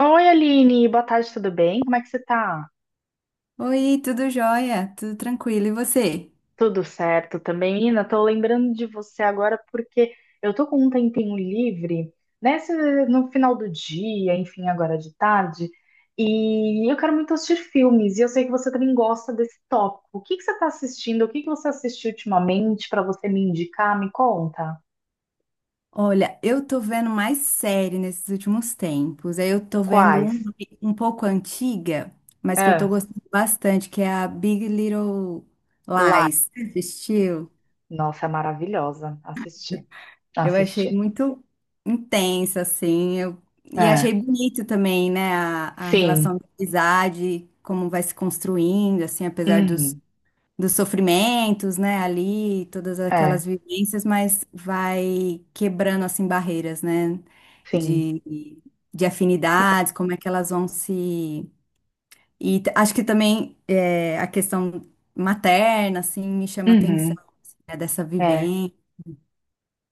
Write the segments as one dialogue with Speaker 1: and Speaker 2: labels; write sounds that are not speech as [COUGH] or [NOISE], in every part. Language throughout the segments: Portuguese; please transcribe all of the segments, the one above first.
Speaker 1: Oi, Aline, boa tarde, tudo bem? Como é que você tá?
Speaker 2: Oi, tudo jóia? Tudo tranquilo, e você?
Speaker 1: Tudo certo também, Nina? Tô lembrando de você agora porque eu tô com um tempinho livre, nesse, no final do dia, enfim, agora de tarde, e eu quero muito assistir filmes, e eu sei que você também gosta desse tópico. O que que você tá assistindo? O que que você assistiu ultimamente para você me indicar? Me conta.
Speaker 2: Olha, eu tô vendo mais série nesses últimos tempos. Aí eu tô vendo
Speaker 1: Quais?
Speaker 2: uma um pouco antiga, mas que eu tô
Speaker 1: Ah,
Speaker 2: gostando bastante, que é a Big Little
Speaker 1: lá.
Speaker 2: Lies. Você assistiu?
Speaker 1: Nossa, é maravilhosa. Assisti,
Speaker 2: Eu achei
Speaker 1: assisti.
Speaker 2: muito intensa, assim. Eu... E
Speaker 1: É,
Speaker 2: achei bonito também, né? A
Speaker 1: sim.
Speaker 2: relação de amizade, como vai se construindo, assim, apesar dos
Speaker 1: Uhum.
Speaker 2: dos sofrimentos, né, ali, todas
Speaker 1: É,
Speaker 2: aquelas vivências, mas vai quebrando, assim, barreiras, né,
Speaker 1: sim.
Speaker 2: de, de afinidades, como é que elas vão se... E acho que também é, a questão materna, assim, me chama a atenção,
Speaker 1: Uhum,
Speaker 2: assim, né, dessa
Speaker 1: é.
Speaker 2: vivência.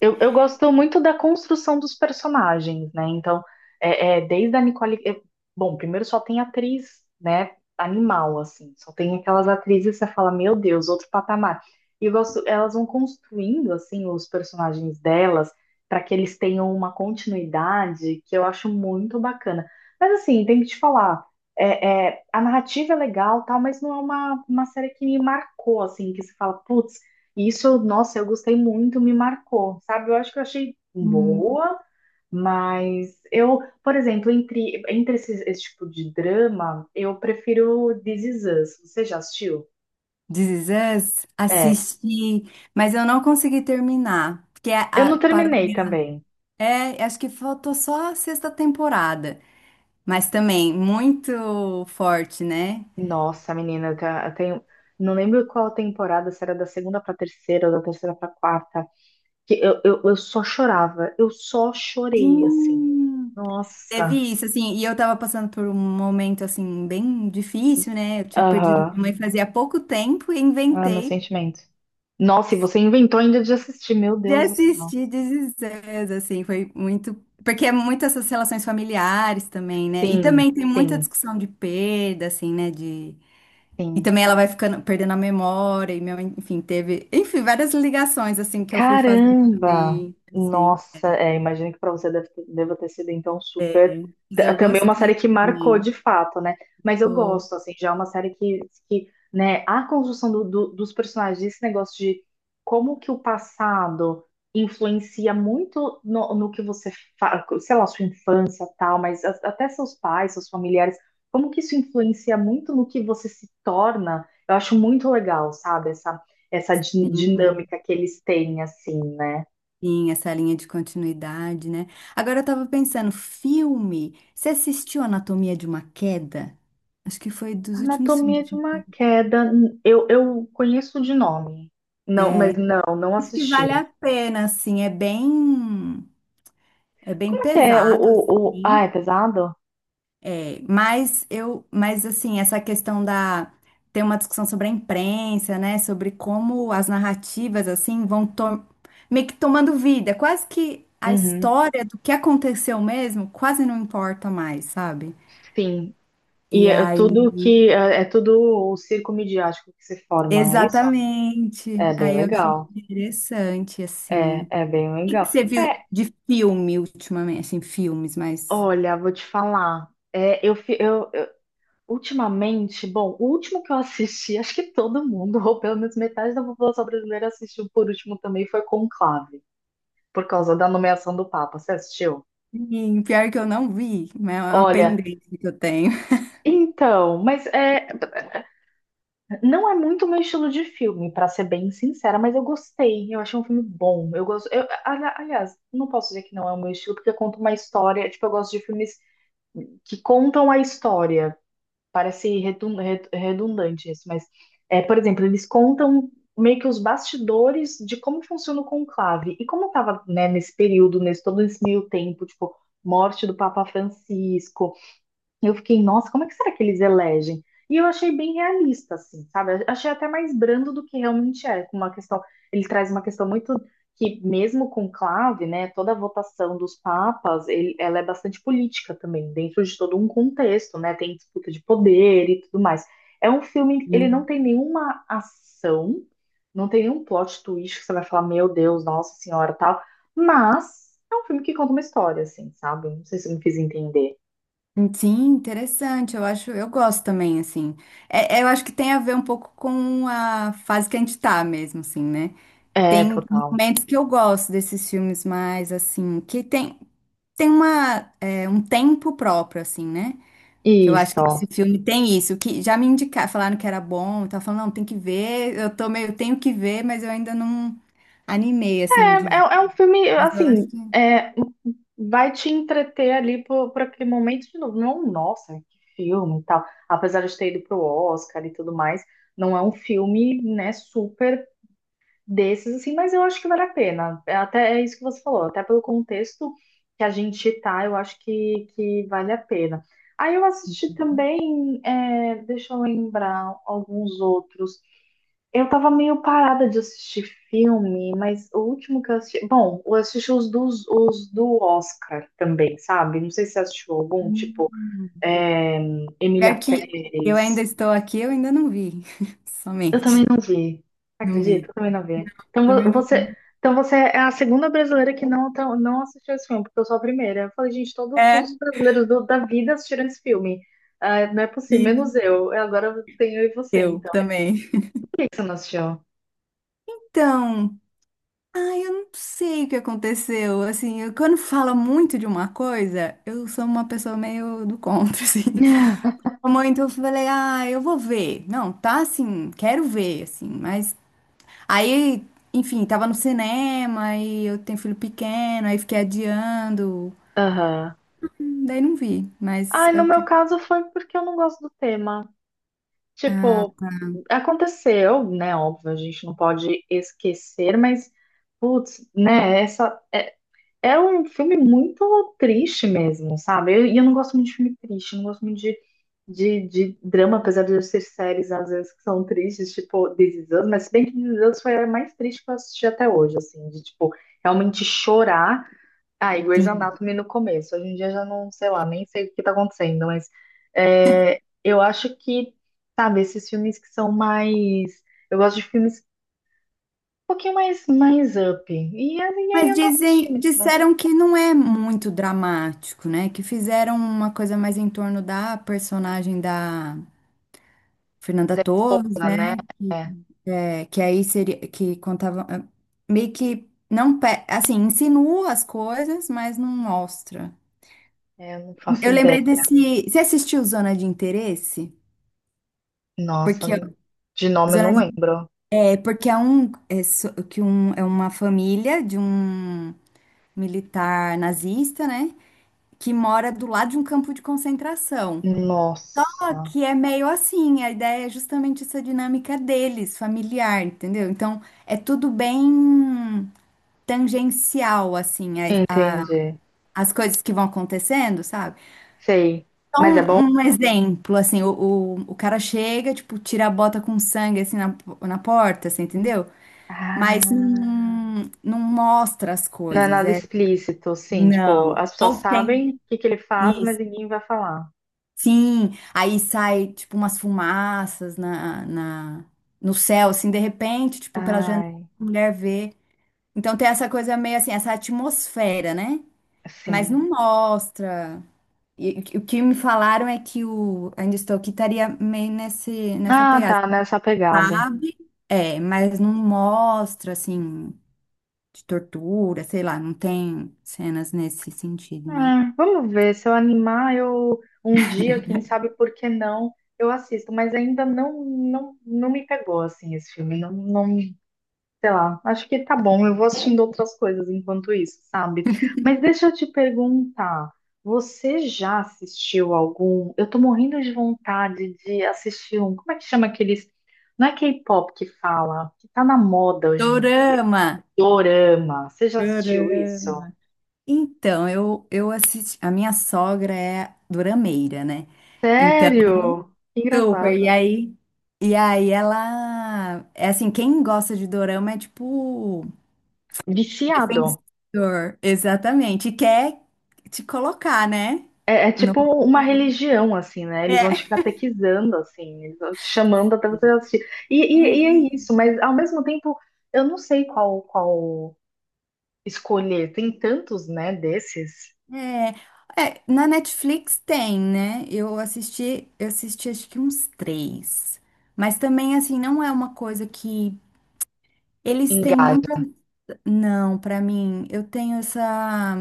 Speaker 1: Eu gosto muito da construção dos personagens, né? Então, desde a Nicole. Bom, primeiro só tem atriz, né? Animal, assim. Só tem aquelas atrizes que você fala, meu Deus, outro patamar. E eu gosto, elas vão construindo, assim, os personagens delas, para que eles tenham uma continuidade que eu acho muito bacana. Mas, assim, tem que te falar. A narrativa é legal, tal, mas não é uma série que me marcou, assim, que você fala, putz. Isso, nossa, eu gostei muito, me marcou, sabe? Eu acho que eu achei
Speaker 2: Hum.
Speaker 1: boa, mas eu, por exemplo, esse tipo de drama, eu prefiro This Is Us. Você já assistiu?
Speaker 2: This Is Us,
Speaker 1: É.
Speaker 2: assisti, mas eu não consegui terminar, porque
Speaker 1: Eu não
Speaker 2: parou...
Speaker 1: terminei também.
Speaker 2: É, acho que faltou só a sexta temporada. Mas também muito forte, né?
Speaker 1: Nossa, menina, eu tenho. Não lembro qual temporada, se era da segunda pra terceira ou da terceira pra quarta, que eu só chorava, eu só chorei, assim.
Speaker 2: Sim. Teve
Speaker 1: Nossa.
Speaker 2: isso, assim, e eu tava passando por um momento, assim, bem difícil, né? Eu tinha perdido
Speaker 1: Aham.
Speaker 2: minha mãe fazia pouco tempo e
Speaker 1: Ah, meu
Speaker 2: inventei
Speaker 1: sentimento. Nossa, e você inventou ainda de assistir, meu
Speaker 2: de
Speaker 1: Deus do céu.
Speaker 2: assistir This Is Us, assim, foi muito... Porque é muito essas relações familiares também, né? E
Speaker 1: Sim,
Speaker 2: também tem muita
Speaker 1: sim,
Speaker 2: discussão de perda, assim, né? De... E
Speaker 1: sim.
Speaker 2: também ela vai ficando, perdendo a memória, e minha mãe, enfim, teve... Enfim, várias ligações, assim, que eu fui fazer
Speaker 1: Caramba!
Speaker 2: também, assim. É.
Speaker 1: Nossa, é, imagino que para você deva ter sido então super.
Speaker 2: Mas eu
Speaker 1: Também uma
Speaker 2: gostei
Speaker 1: série que marcou
Speaker 2: também.
Speaker 1: de fato, né? Mas eu
Speaker 2: Pô,
Speaker 1: gosto, assim, já é uma série que né, a construção dos personagens, esse negócio de como que o passado influencia muito no que você faz, sei lá, sua infância tal, mas até seus pais, seus familiares, como que isso influencia muito no que você se torna, eu acho muito legal, sabe? Essa
Speaker 2: sim,
Speaker 1: dinâmica que eles têm, assim, né?
Speaker 2: sim, essa linha de continuidade, né? Agora eu tava pensando, filme. Você assistiu Anatomia de uma Queda? Acho que foi dos últimos filmes.
Speaker 1: Anatomia de uma Queda, eu conheço de nome. Não,
Speaker 2: É,
Speaker 1: mas não, não
Speaker 2: acho que vale
Speaker 1: assisti.
Speaker 2: a pena, assim, é bem
Speaker 1: Como é que é o,
Speaker 2: pesado,
Speaker 1: o, o... Ah, é
Speaker 2: assim.
Speaker 1: pesado?
Speaker 2: É, mas eu, mas assim, essa questão da tem uma discussão sobre a imprensa, né, sobre como as narrativas assim vão meio que tomando vida. É quase que a
Speaker 1: Uhum,
Speaker 2: história do que aconteceu mesmo quase não importa mais, sabe?
Speaker 1: sim.
Speaker 2: E aí,
Speaker 1: É, é tudo o circo midiático que se forma, é isso?
Speaker 2: exatamente.
Speaker 1: É bem
Speaker 2: Aí eu achei
Speaker 1: legal.
Speaker 2: interessante assim. O que que você viu
Speaker 1: É,
Speaker 2: de filme ultimamente, assim, filmes, mas
Speaker 1: olha, vou te falar. Ultimamente, bom, o último que eu assisti, [LAUGHS] acho que todo mundo, ou pelo menos metade da população brasileira assistiu por último também, foi Conclave, por causa da nomeação do Papa. Você assistiu?
Speaker 2: sim, pior que eu não vi, mas é uma
Speaker 1: Olha,
Speaker 2: pendência que eu tenho.
Speaker 1: então, mas é, não é muito meu estilo de filme, pra ser bem sincera, mas eu gostei, eu achei um filme bom. Eu gosto, aliás, não posso dizer que não é o meu estilo, porque conta uma história, tipo, eu gosto de filmes que contam a história. Parece redundante isso, mas é, por exemplo, eles contam meio que os bastidores de como funciona o conclave e como estava, né, nesse período, nesse todo esse meio tempo, tipo, morte do Papa Francisco, eu fiquei, nossa, como é que será que eles elegem? E eu achei bem realista, assim, sabe? Achei até mais brando do que realmente é, com uma questão, ele traz uma questão muito que mesmo com clave, né, toda a votação dos papas, ela é bastante política também, dentro de todo um contexto, né? Tem disputa de poder e tudo mais. É um filme, ele não tem nenhuma ação, não tem nenhum plot twist que você vai falar, meu Deus, nossa senhora, tal, mas é um filme que conta uma história, assim, sabe? Não sei se eu me fiz entender.
Speaker 2: Sim, interessante. Eu acho, eu gosto também, assim. É, é, eu acho que tem a ver um pouco com a fase que a gente tá mesmo, assim, né?
Speaker 1: É,
Speaker 2: Tem
Speaker 1: total.
Speaker 2: momentos que eu gosto desses filmes mais, assim, que tem, tem uma, é, um tempo próprio, assim, né? Que eu acho que esse
Speaker 1: Isso.
Speaker 2: filme tem isso, que já me indicaram, falaram que era bom, eu falando, não, tem que ver, eu tô meio, tenho que ver, mas eu ainda não animei, assim, de
Speaker 1: É, é
Speaker 2: ver.
Speaker 1: é um filme,
Speaker 2: Mas eu acho
Speaker 1: assim,
Speaker 2: que...
Speaker 1: é, vai te entreter ali por aquele momento de novo. Não, é um, nossa, que filme e tal. Apesar de ter ido pro Oscar e tudo mais, não é um filme, né, super desses, assim, mas eu acho que vale a pena. É até é isso que você falou, até pelo contexto que a gente tá, eu acho que vale a pena. Aí eu assisti também, é, deixa eu lembrar, alguns outros. Eu tava meio parada de assistir filme, mas o último que eu assisti. Bom, eu assisti os do Oscar também, sabe? Não sei se você assistiu algum, tipo,
Speaker 2: Hum.
Speaker 1: é, Emília
Speaker 2: Pior que eu ainda
Speaker 1: Pérez.
Speaker 2: estou aqui, eu ainda não vi, [LAUGHS]
Speaker 1: Eu também
Speaker 2: somente.
Speaker 1: não vi.
Speaker 2: Não
Speaker 1: Acredito,
Speaker 2: vi.
Speaker 1: eu também não vi. Então
Speaker 2: Também não.
Speaker 1: você, então você é a segunda brasileira que não, não assistiu esse filme, porque eu sou a primeira. Eu falei, gente, todo,
Speaker 2: É,
Speaker 1: todos os brasileiros da vida assistiram esse filme. Ah, não é possível, menos
Speaker 2: e
Speaker 1: eu. Agora eu tenho eu e você,
Speaker 2: eu
Speaker 1: então.
Speaker 2: também.
Speaker 1: Por que que você não assistiu?
Speaker 2: Então, ai, eu não sei o que aconteceu. Assim, quando fala muito de uma coisa, eu sou uma pessoa meio do contra, [LAUGHS] assim.
Speaker 1: [LAUGHS]
Speaker 2: Muito, eu falei, ah, eu vou ver. Não, tá assim, quero ver, assim, mas. Aí, enfim, tava no cinema e eu tenho filho pequeno, aí fiquei adiando.
Speaker 1: Aham.
Speaker 2: Daí não vi, mas
Speaker 1: Ai,
Speaker 2: é
Speaker 1: no
Speaker 2: o
Speaker 1: meu
Speaker 2: que.
Speaker 1: caso foi porque eu não gosto do tema.
Speaker 2: Ah,
Speaker 1: Tipo, aconteceu, né? Óbvio, a gente não pode esquecer, mas, putz, né? Essa é, é um filme muito triste mesmo, sabe? E eu não gosto muito de filme triste, não gosto muito de drama, apesar de eu ser séries às vezes que são tristes, tipo This Is Us, mas se bem que This Is Us foi a mais triste que eu assisti até hoje, assim, de tipo, realmente chorar. Ah, e Grey's
Speaker 2: sim.
Speaker 1: Anatomy no começo. Hoje em dia já não, sei lá, nem sei o que tá acontecendo, mas é, eu acho que, sabe, esses filmes que são mais. Eu gosto de filmes um pouquinho mais, mais up. E aí
Speaker 2: Mas
Speaker 1: eu não assisti
Speaker 2: dizem,
Speaker 1: mesmo.
Speaker 2: disseram que não é muito dramático, né? Que fizeram uma coisa mais em torno da personagem da Fernanda
Speaker 1: Da
Speaker 2: Torres,
Speaker 1: esposa, né?
Speaker 2: né? Que, é, que aí seria que contava eh, meio que não pe- assim, insinua as coisas, mas não mostra.
Speaker 1: É, eu não faço
Speaker 2: Eu
Speaker 1: ideia.
Speaker 2: lembrei desse. Você assistiu Zona de Interesse?
Speaker 1: Nossa,
Speaker 2: Porque
Speaker 1: de nome eu
Speaker 2: Zona
Speaker 1: não
Speaker 2: de-
Speaker 1: lembro.
Speaker 2: é porque é um é, so- que um é uma família de um militar nazista, né? Que mora do lado de um campo de concentração. Só
Speaker 1: Nossa,
Speaker 2: que é meio assim, a ideia é justamente essa dinâmica deles, familiar, entendeu? Então é tudo bem tangencial, assim, a- a-
Speaker 1: entendi.
Speaker 2: as coisas que vão acontecendo, sabe?
Speaker 1: Sei.
Speaker 2: Então,
Speaker 1: Mas é bom?
Speaker 2: um exemplo, assim, o cara chega, tipo, tira a bota com sangue, assim, na porta, assim, entendeu? Mas
Speaker 1: Ah,
Speaker 2: não mostra as
Speaker 1: não é
Speaker 2: coisas,
Speaker 1: nada
Speaker 2: é...
Speaker 1: explícito, sim. Tipo,
Speaker 2: Não.
Speaker 1: as pessoas
Speaker 2: Ou tem...
Speaker 1: sabem o que que ele faz, mas
Speaker 2: isso.
Speaker 1: ninguém vai falar.
Speaker 2: Sim, aí sai tipo umas fumaças na no céu, assim, de repente, tipo, pela janela,
Speaker 1: Ai,
Speaker 2: a mulher vê. Então tem essa coisa meio assim, essa atmosfera, né? Mas
Speaker 1: sim.
Speaker 2: não mostra. E, o que me falaram é que o Ainda Estou Aqui estaria meio nessa
Speaker 1: Ah,
Speaker 2: pegada.
Speaker 1: tá, nessa pegada.
Speaker 2: Sabe? É, mas não mostra, assim, de tortura, sei lá, não tem cenas nesse sentido, né?
Speaker 1: Ah, vamos ver, se eu animar, eu um dia, quem sabe por que não, eu assisto, mas ainda não me pegou assim esse filme, não, não, sei lá. Acho que tá bom, eu vou assistindo outras coisas enquanto isso, sabe? Mas deixa eu te perguntar, você já assistiu algum? Eu tô morrendo de vontade de assistir um. Como é que chama aqueles? Não é K-pop que fala, que tá na moda hoje em dia.
Speaker 2: Dorama!
Speaker 1: Dorama. Você já assistiu
Speaker 2: Dorama!
Speaker 1: isso?
Speaker 2: Então, eu assisti. A minha sogra é durameira, né? Então,
Speaker 1: Sério? Que
Speaker 2: super.
Speaker 1: engraçado.
Speaker 2: E aí ela. É assim, quem gosta de dorama é tipo.
Speaker 1: Viciado.
Speaker 2: Defensor. Exatamente. E quer te colocar, né?
Speaker 1: É, é
Speaker 2: No-
Speaker 1: tipo uma religião, assim, né? Eles vão te
Speaker 2: É.
Speaker 1: catequizando, assim, eles vão te chamando até você assistir. E,
Speaker 2: Não,
Speaker 1: e, e é
Speaker 2: bem,
Speaker 1: isso, mas ao mesmo tempo, eu não sei qual escolher. Tem tantos, né, desses.
Speaker 2: é. É, na Netflix tem, né? Eu assisti acho que uns três. Mas também, assim, não é uma coisa que. Eles têm muita
Speaker 1: Engaja.
Speaker 2: não, pra mim, eu tenho essa.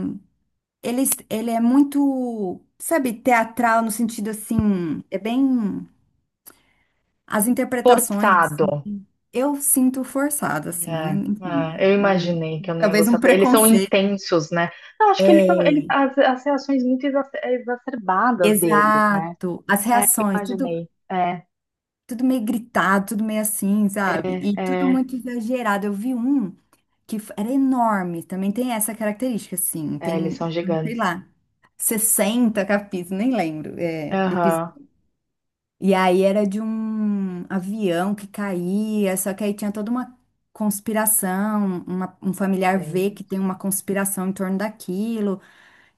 Speaker 2: Ele, ele é muito, sabe, teatral no sentido assim, é bem. As interpretações,
Speaker 1: Forçado.
Speaker 2: assim, eu sinto forçada, assim, né?
Speaker 1: É,
Speaker 2: Enfim,
Speaker 1: eu imaginei que eu não ia
Speaker 2: talvez um
Speaker 1: gostar. Eles são
Speaker 2: preconceito.
Speaker 1: intensos, né? Eu acho que eles são
Speaker 2: É,
Speaker 1: eles, as reações muito exacerbadas deles, né?
Speaker 2: exato, as
Speaker 1: É,
Speaker 2: reações, tudo,
Speaker 1: imaginei.
Speaker 2: tudo meio gritado, tudo meio assim, sabe? E tudo
Speaker 1: É,
Speaker 2: muito exagerado. Eu vi um era enorme, também tem essa característica, assim,
Speaker 1: eles
Speaker 2: tem,
Speaker 1: são
Speaker 2: sei
Speaker 1: gigantes.
Speaker 2: lá, 60 capítulos, nem lembro, é,
Speaker 1: Aham,
Speaker 2: e aí era de um avião que caía, só que aí tinha toda uma conspiração, um familiar vê que tem
Speaker 1: gente.
Speaker 2: uma conspiração em torno daquilo,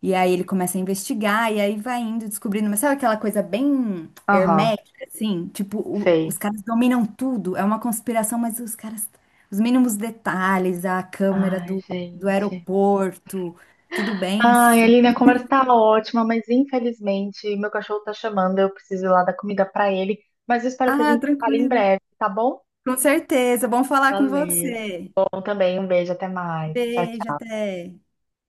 Speaker 2: e aí ele começa a investigar, e aí vai indo descobrindo, mas sabe aquela coisa bem
Speaker 1: Aham,
Speaker 2: hermética, assim? Tipo, os
Speaker 1: sei.
Speaker 2: caras dominam tudo, é uma conspiração, mas os caras, os mínimos detalhes, a câmera
Speaker 1: Ai,
Speaker 2: do, do
Speaker 1: gente.
Speaker 2: aeroporto, tudo bem
Speaker 1: Ai,
Speaker 2: assim.
Speaker 1: Aline, a conversa tá ótima, mas infelizmente meu cachorro tá chamando, eu preciso ir lá dar comida pra ele. Mas eu espero que a
Speaker 2: Ah,
Speaker 1: gente fale em
Speaker 2: tranquilo.
Speaker 1: breve, tá bom?
Speaker 2: Com certeza, bom falar com
Speaker 1: Valeu.
Speaker 2: você.
Speaker 1: Bom também, um beijo, até mais. Tchau,
Speaker 2: Beijo,
Speaker 1: tchau.
Speaker 2: até.